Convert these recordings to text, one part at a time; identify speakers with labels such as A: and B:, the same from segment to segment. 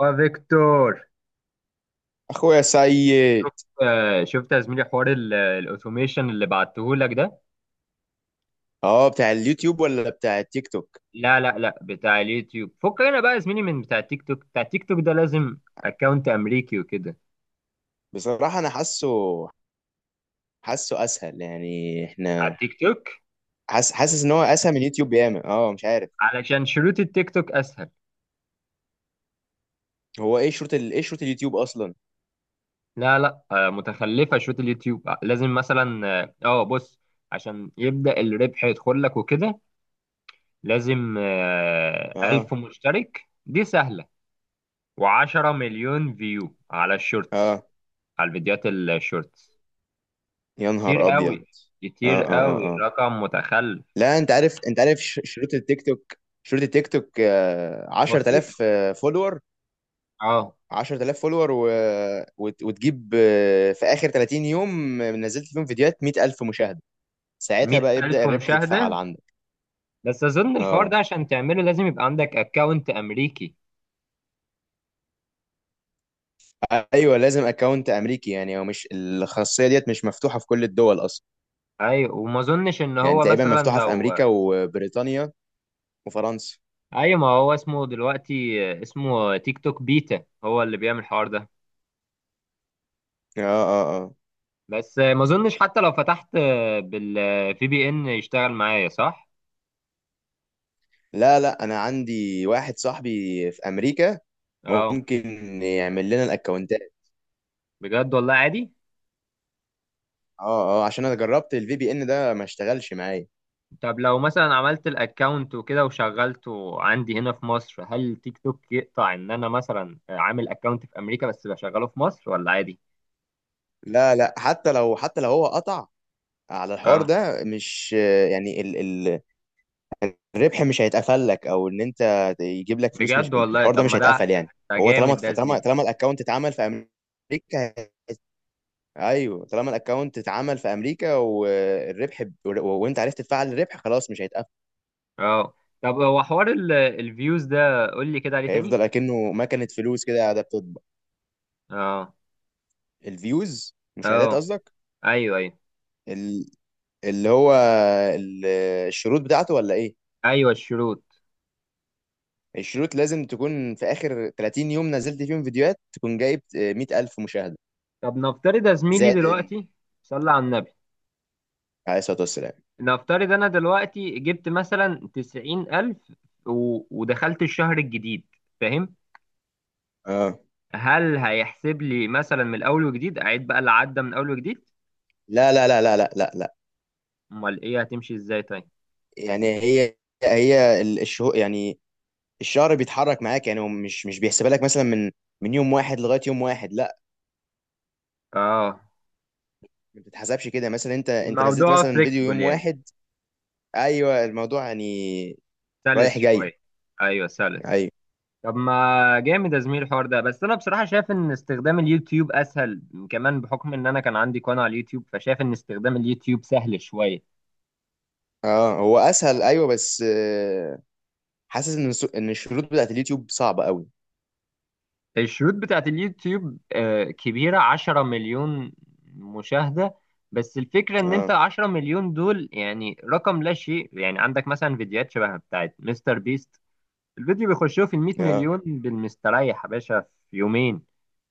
A: وفيكتور،
B: اخويا سيد.
A: شفت. شفت يا زميلي حوار الاوتوميشن اللي بعته لك ده.
B: اه بتاع اليوتيوب ولا بتاع التيك توك؟
A: لا، لا، لا، بتاع اليوتيوب. فكنا بقى يا زميلي من بتاع التيك توك، بتاع التيك توك ده لازم اكونت امريكي وكده.
B: بصراحة انا حاسه اسهل، يعني
A: على
B: احنا
A: التيك توك،
B: حاسس ان هو اسهل من اليوتيوب ياما، مش عارف.
A: علشان شروط التيك توك اسهل.
B: هو ايه ايه شروط اليوتيوب اصلا؟
A: لا، لا، متخلفه شروط اليوتيوب. لازم مثلا، بص. عشان يبدا الربح يدخل لك وكده لازم 1000
B: اه،
A: مشترك، دي سهله. و10 مليون فيو على الشورتس،
B: اه،
A: على الفيديوهات الشورتس.
B: يا
A: كتير
B: نهار
A: قوي،
B: ابيض. اه
A: كتير
B: اه
A: قوي،
B: اه اه
A: رقم متخلف.
B: لا، انت عارف، انت عارف شروط التيك توك، شروط التيك توك
A: بسيطة.
B: 10,000 فولور.
A: اه.
B: 10,000 فولور وتجيب، في اخر 30 يوم نزلت فيهم فيديوهات 100,000 مشاهدة، ساعتها
A: مية
B: بقى يبدأ
A: ألف
B: الربح يتفعل.
A: مشاهدة بس أظن الحوار
B: اه.
A: ده عشان تعمله لازم يبقى عندك أكاونت أمريكي.
B: ايوه، لازم اكونت امريكي، يعني هو مش الخاصيه ديت مش مفتوحه في كل الدول اصلا.
A: أيوة، وما أظنش إن
B: يعني
A: هو
B: تقريبا
A: مثلا
B: مفتوحه في
A: لو...
B: امريكا وبريطانيا وفرنسا.
A: أيوة، ما هو اسمه دلوقتي اسمه تيك توك بيتا هو اللي بيعمل الحوار ده.
B: اه، اه، اه.
A: بس ما أظنش حتى لو فتحت، بال في بي إن يشتغل معايا، صح؟
B: لا لا، انا عندي واحد صاحبي في امريكا
A: اه.
B: ممكن يعمل لنا الاكونتات.
A: بجد والله، عادي.
B: اه اه، عشان انا جربت الفي بي ان ده ما اشتغلش معايا.
A: طب لو مثلا عملت الاكونت وكده وشغلته عندي هنا في مصر، هل تيك توك يقطع ان انا مثلا عامل اكونت في امريكا بس بشغله في مصر، ولا عادي؟
B: لا لا، حتى لو هو قطع على الحوار
A: اه،
B: ده، مش يعني الربح مش هيتقفل لك، او ان انت يجيب لك فلوس، مش
A: بجد والله،
B: الحوار ده
A: طب
B: مش
A: ما ده،
B: هيتقفل يعني.
A: ده
B: هو طالما
A: جامد ده يا
B: طالما
A: زميلي.
B: طالما الاكونت اتعمل في امريكا، ايوه طالما الاكونت اتعمل في امريكا والربح وانت عرفت تفعل الربح، خلاص مش هيتقفل.
A: اه. طب هو حوار الفيوز ده قول لي كده عليه تاني.
B: هيفضل اكنه مكنه فلوس كده قاعده بتطبع.
A: اه،
B: الفيوز مشاهدات
A: اه،
B: قصدك؟
A: ايوه، ايوه،
B: ال... اللي هو ال... الشروط بتاعته ولا ايه؟
A: ايوه، الشروط.
B: الشروط لازم تكون في اخر 30 يوم نزلت فيهم فيديوهات تكون جايب 100,000 مشاهده
A: طب نفترض يا زميلي
B: زائد ال-
A: دلوقتي. صلى على النبي.
B: عليه الصلاه والسلام.
A: نفترض انا دلوقتي جبت مثلا 90,000، ودخلت الشهر الجديد، فاهم؟
B: اه.
A: هل هيحسب لي مثلا من الاول وجديد، اعيد بقى اللي عدى من اول وجديد؟
B: لا.
A: امال ايه، هتمشي ازاي طيب؟
B: يعني هي هي ال- الشهو يعني الشهر بيتحرك معاك، يعني هو مش بيحسبها لك مثلا من من يوم واحد لغايه يوم واحد، لا.
A: اه.
B: ما بتتحسبش كده. مثلا انت نزلت
A: الموضوع
B: مثلا فيديو
A: فليكسبل
B: يوم
A: يعني،
B: واحد. ايوه الموضوع يعني
A: سلس
B: رايح جاي.
A: شويه. ايوه سلس.
B: ايوه.
A: طب ما جامد يا زميلي الحوار ده، بس انا بصراحه شايف ان استخدام اليوتيوب اسهل. كمان بحكم ان انا كان عندي قناه على اليوتيوب، فشايف ان استخدام اليوتيوب سهل شويه.
B: اه، هو اسهل، ايوه، بس حاسس ان ان الشروط بتاعت اليوتيوب صعبه قوي.
A: الشروط بتاعت اليوتيوب كبيرة، 10 مليون مشاهدة. بس الفكرة ان انت
B: اه
A: 10 مليون دول يعني رقم لا شيء يعني، عندك مثلا فيديوهات شبه بتاعت مستر بيست. الفيديو بيخشوه في المية
B: اه
A: مليون بالمستريح يا باشا، في يومين.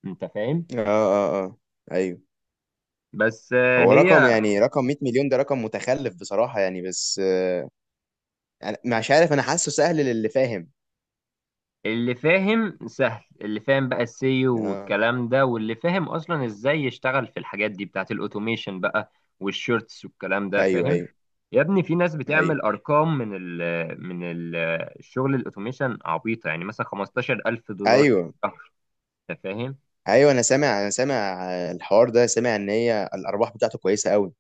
A: انت فاهم؟
B: اه. ايوه،
A: بس آه،
B: هو رقم،
A: هي
B: يعني رقم 100 مليون ده رقم متخلف بصراحه، يعني بس يعني مش عارف، انا حاسه سهل للي فاهم.
A: اللي فاهم سهل، اللي فاهم بقى السيو
B: اه.
A: والكلام ده، واللي فاهم اصلا ازاي يشتغل في الحاجات دي بتاعت الاوتوميشن بقى، والشورتس والكلام ده،
B: ايوه
A: فاهم.
B: ايوه
A: يا ابني، في ناس
B: ايوه
A: بتعمل ارقام من ال الشغل الاوتوميشن عبيطه، يعني مثلا 15,000 دولار في
B: ايوه،
A: الشهر. انت فاهم؟
B: ايوه. انا سامع الحوار ده، سامع ان هي الارباح بتاعته كويسه قوي.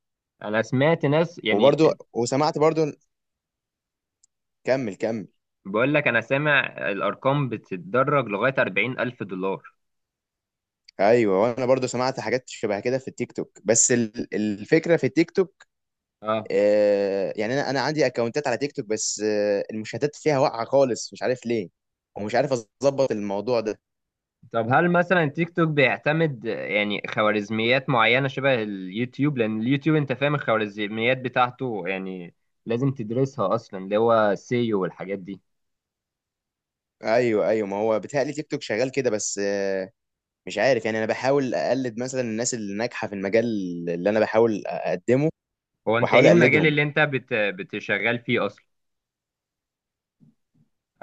A: انا سمعت ناس يعني،
B: وبرضو وسمعت برضو. كمل كمل.
A: بقول لك انا سامع الارقام بتتدرج لغايه 40,000 دولار.
B: ايوه، وانا برضو سمعت حاجات شبه كده في التيك توك، بس الفكره في التيك توك،
A: اه.
B: آه يعني انا عندي اكونتات على تيك توك بس آه، المشاهدات فيها واقعه خالص، مش عارف ليه، ومش عارف اظبط الموضوع ده.
A: طب هل مثلا تيك توك بيعتمد يعني خوارزميات معينة شبه اليوتيوب؟ لأن اليوتيوب أنت فاهم الخوارزميات بتاعته، يعني لازم تدرسها أصلا، اللي هو سيو والحاجات دي.
B: ايوه ايوه، ما هو بيتهيألي تيك توك شغال كده، بس مش عارف يعني، انا بحاول اقلد مثلا الناس اللي ناجحه في المجال اللي انا بحاول اقدمه،
A: هو أنت إيه
B: واحاول
A: المجال
B: اقلدهم.
A: اللي أنت بتشغل فيه أصلا؟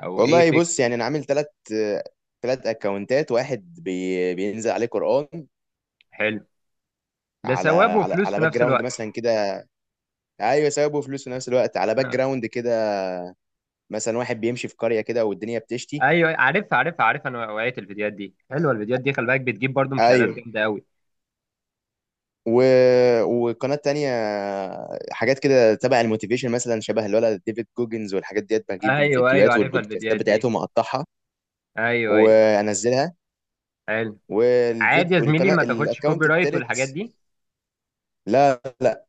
A: أو إيه
B: والله
A: فكرة؟
B: بص، يعني انا عامل ثلاث اكونتات. واحد بينزل عليه قرآن،
A: حلو. ده
B: على
A: ثواب
B: على
A: وفلوس
B: على
A: في
B: باك
A: نفس
B: جراوند
A: الوقت.
B: مثلا كده. ايوه ثواب وفلوس في نفس الوقت، على باك جراوند كده. مثلا واحد بيمشي في قرية كده والدنيا بتشتي.
A: أيوه عارف، عارف، عارف، أنا وقعت الفيديوهات دي. حلوة الفيديوهات دي، خلي بالك بتجيب برضو مشاهدات
B: ايوه.
A: جامدة أوي.
B: و... وقناة تانية، حاجات كده تبع الموتيفيشن، مثلا شبه الولد ديفيد جوجنز والحاجات ديت، بجيب
A: أيوه، أيوه،
B: الفيديوهات
A: عارفها
B: والبودكاستات
A: الفيديوهات دي.
B: بتاعتهم، اقطعها
A: أيوه، أيوه.
B: وانزلها.
A: حلو. عادي
B: والفيديو
A: يا زميلي،
B: والقناه
A: ما تاخدش كوبي
B: الاكونت
A: رايت والحاجات
B: التالت.
A: دي.
B: لا لا.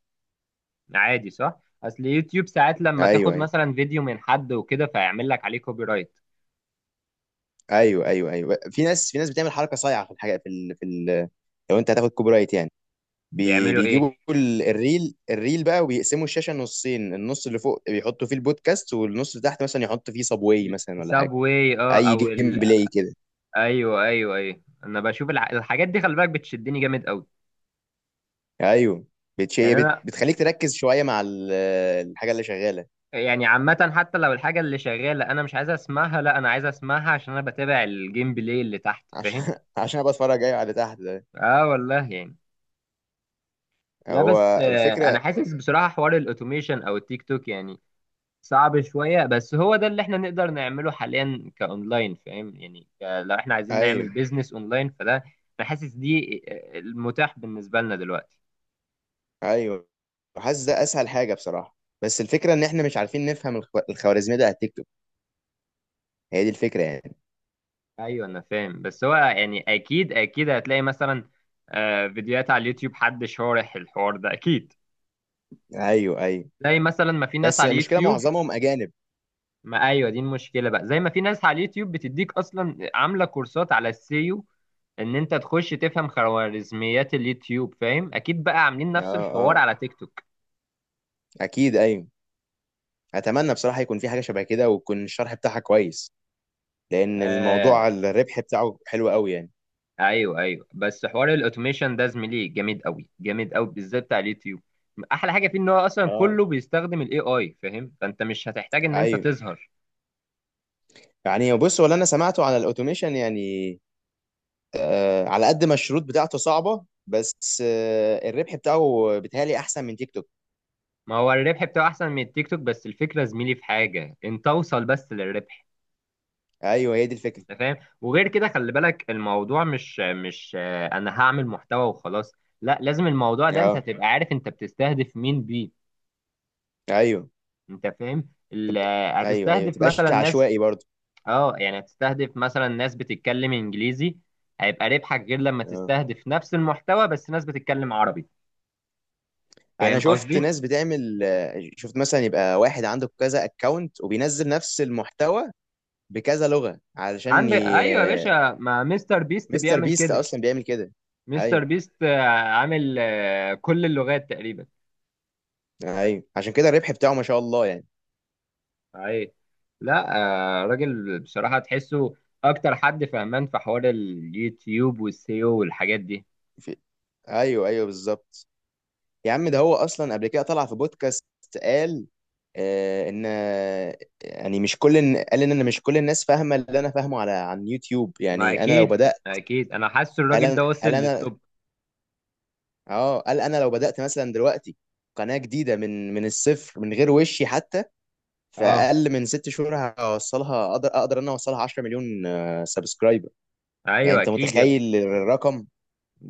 A: عادي صح، اصل يوتيوب ساعات لما تاخد
B: ايوه
A: مثلا فيديو من حد وكده فيعمل لك عليه كوبي رايت.
B: ايوه، في ناس، في ناس بتعمل حركه صايعه في الحاجه لو انت هتاخد كوبي رايت يعني،
A: بيعملوا ايه؟
B: بيجيبوا الريل بقى، وبيقسموا الشاشه نصين، النص اللي فوق بيحطوا فيه البودكاست، والنص اللي تحت مثلا يحط فيه صابواي مثلا ولا حاجه،
A: سابواي، اه،
B: اي
A: او
B: جيم بلاي كده.
A: ايوه، ايوه، ايوه. انا بشوف الحاجات دي، خلي بالك بتشدني جامد قوي.
B: ايوه،
A: يعني انا،
B: بتخليك تركز شويه مع الحاجه اللي شغاله.
A: يعني عامه، حتى لو الحاجه اللي شغاله انا مش عايز اسمعها، لا انا عايز اسمعها عشان انا بتابع الجيم بلاي اللي تحت،
B: عشان
A: فاهم؟
B: عشان أبقى اتفرج، ايوه، على اللي تحت ده.
A: اه والله يعني. لا
B: هو
A: بس انا
B: الفكره.
A: حاسس بصراحه حوار الاوتوميشن او التيك توك يعني صعب شوية، بس هو ده اللي احنا نقدر نعمله حاليا كأونلاين، فاهم يعني. لو احنا عايزين نعمل
B: ايوه
A: بيزنس أونلاين فده، أنا حاسس دي المتاح بالنسبة لنا دلوقتي.
B: ايوه، حاسس ده اسهل حاجه بصراحه، بس الفكره ان احنا مش عارفين نفهم الخوارزميه ده على التيك توك، هي دي الفكره يعني.
A: أيوة أنا فاهم، بس هو يعني أكيد، أكيد هتلاقي مثلا فيديوهات على اليوتيوب حد شارح الحوار ده أكيد.
B: ايوه ايوه،
A: زي مثلا ما في ناس
B: بس
A: على
B: المشكله
A: اليوتيوب.
B: معظمهم اجانب.
A: ما أيوة، دي المشكلة بقى. زي ما في ناس على اليوتيوب بتديك أصلا عاملة كورسات على السيو، ان انت تخش تفهم خوارزميات اليوتيوب، فاهم. اكيد بقى عاملين
B: اه،
A: نفس الحوار
B: اه،
A: على تيك توك.
B: اكيد، ايوه. اتمنى بصراحه يكون في حاجه شبه كده ويكون الشرح بتاعها كويس، لان
A: آه،
B: الموضوع الربح بتاعه حلو قوي يعني.
A: ايوه، ايوه. بس حوار الاوتوميشن ده زميلي جامد قوي، جامد قوي، بالذات بتاع اليوتيوب. احلى حاجه فيه ان هو اصلا
B: اه.
A: كله بيستخدم الاي اي، فاهم؟ فانت مش هتحتاج ان انت
B: ايوه،
A: تظهر.
B: يعني بص، ولا انا سمعته على الاوتوميشن يعني، على قد ما الشروط بتاعته صعبه، بس الربح بتاعه بيتهيألي احسن من تيك توك.
A: ما هو الربح بتاعه احسن من التيك توك، بس الفكره زميلي في حاجه، انت اوصل بس للربح.
B: ايوه، هي دي الفكره.
A: انت فاهم؟ وغير كده خلي بالك الموضوع مش، انا هعمل محتوى وخلاص. لا، لازم الموضوع ده انت
B: اه.
A: تبقى عارف انت بتستهدف مين بيه.
B: ايوه
A: انت فاهم،
B: تبقى، ايوه ايوه،
A: هتستهدف مثلا
B: تبقاش
A: ناس.
B: عشوائي برضو.
A: اه، يعني هتستهدف مثلا ناس بتتكلم انجليزي، هيبقى ربحك غير لما
B: آه.
A: تستهدف نفس المحتوى بس ناس بتتكلم عربي.
B: انا
A: فاهم
B: شفت
A: قصدي؟
B: ناس بتعمل، شفت مثلا يبقى واحد عنده كذا اكونت وبينزل نفس المحتوى بكذا لغة علشان
A: عندك،
B: ي...
A: ايوه يا
B: آه،
A: باشا، ما مستر بيست
B: مستر
A: بيعمل
B: بيست
A: كده.
B: اصلا بيعمل كده. ايوه
A: مستر بيست عامل كل اللغات تقريبا.
B: ايوه، عشان كده الربح بتاعه ما شاء الله يعني.
A: اي، لا، راجل بصراحة تحسه اكتر حد فهمان في حوار اليوتيوب والسيو والحاجات دي.
B: في... ايوه ايوه بالظبط. يا عم ده هو اصلا قبل كده طلع في بودكاست، قال آه ان آه، يعني مش قال ان انا مش كل الناس فاهمه اللي انا فاهمه على عن يوتيوب.
A: ما
B: يعني انا لو
A: اكيد،
B: بدات،
A: اكيد انا حاسس الراجل ده وصل
B: قال انا،
A: للتوب.
B: اه، قال انا لو بدأت مثلا دلوقتي قناة جديدة من الصفر، من غير وشي حتى، في
A: اه،
B: اقل من ست شهور هوصلها، اقدر انا اوصلها 10 مليون سبسكرايبر. يعني
A: ايوه،
B: انت
A: اكيد يا ابني.
B: متخيل الرقم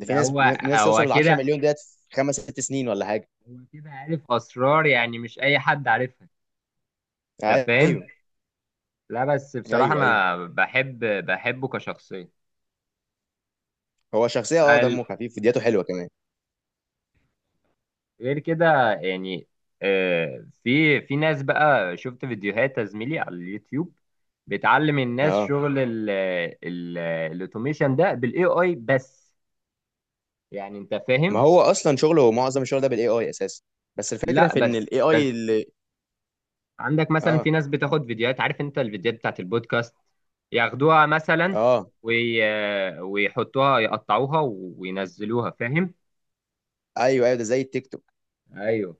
B: ده؟ في ناس
A: هو،
B: في ناس
A: هو
B: توصل ل 10
A: كده.
B: مليون ديت في خمس ست سنين ولا حاجة.
A: هو كده عارف اسرار يعني مش اي حد عارفها. انت فاهم؟
B: ايوه
A: لا بس بصراحه
B: ايوه ايوه.
A: انا بحبه كشخصيه.
B: هو شخصية، اه،
A: ال-
B: دمه خفيف، فيديوهاته حلوة كمان.
A: غير كده يعني. في ناس بقى شفت فيديوهات يا زميلي على اليوتيوب بتعلم الناس
B: اه،
A: شغل ال الاوتوميشن ده بالاي اي بس، يعني انت
B: ما
A: فاهم.
B: هو اصلا شغله معظم الشغل ده بالاي اي اساسا، بس الفكرة
A: لا
B: في ان
A: بس،
B: الاي اي اللي...
A: عندك مثلا في
B: اه
A: ناس بتاخد فيديوهات، عارف انت الفيديوهات بتاعت البودكاست، ياخدوها مثلا
B: اه.
A: وي... ويحطوها يقطعوها وينزلوها، فاهم.
B: ايوه ايوه، ده زي التيك توك.
A: ايوه.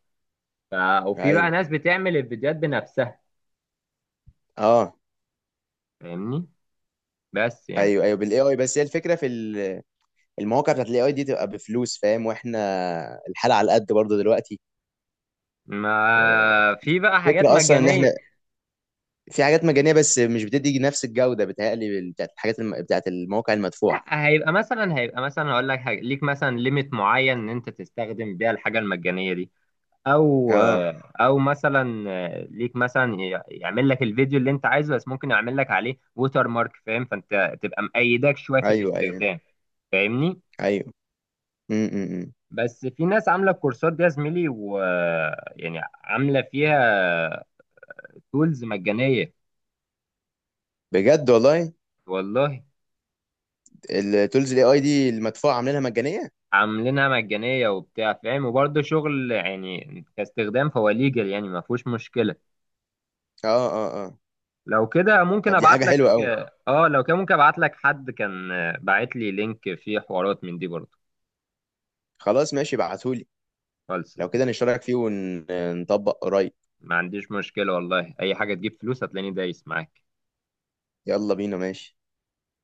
A: ف... وفي بقى
B: ايوه.
A: ناس بتعمل الفيديوهات بنفسها،
B: اه.
A: فاهمني؟ بس يعني
B: ايوه ايوه بالاي اي، بس هي الفكره في المواقع بتاعت الاي اي دي تبقى بفلوس، فاهم، واحنا الحاله على قد برضه دلوقتي.
A: ما
B: والفكره
A: في بقى حاجات
B: اصلا ان احنا
A: مجانية.
B: في حاجات مجانيه بس مش بتدي نفس الجوده، بتهيألي بتاعت بتاعت المواقع المدفوعه.
A: لا، هيبقى مثلا هقول لك حاجة، ليك مثلا ليميت معين ان انت تستخدم بيها الحاجة المجانية دي، او،
B: اه،
A: مثلا ليك مثلا يعمل لك الفيديو اللي انت عايزه، بس ممكن يعمل لك عليه ووتر مارك، فاهم؟ فانت تبقى مأيدك شويه في
B: ايوه، ايوه،
A: الاستخدام، فاهمني.
B: ايوه. امم.
A: بس في ناس عامله الكورسات دي يا زميلي و، يعني عامله فيها تولز مجانيه،
B: بجد والله؟
A: والله.
B: التولز الاي اي دي المدفوعه عاملينها مجانيه؟
A: عاملينها مجانيه وبتاع، فاهم، وبرده شغل يعني كاستخدام فهو ليجل، يعني ما فيهوش مشكله.
B: اه اه اه.
A: لو كده ممكن
B: طب دي
A: ابعت
B: حاجه
A: لك.
B: حلوه قوي.
A: اه، لو كده ممكن ابعت لك، حد كان باعت لي لينك فيه حوارات من دي برضه.
B: خلاص ماشي، ابعتهولي.
A: خالص يا
B: لو
A: زميلي.
B: كده نشترك فيه ونطبق قريب.
A: ما عنديش مشكلة والله، أي حاجة تجيب فلوس هتلاقيني دايس معاك.
B: يلا بينا، ماشي.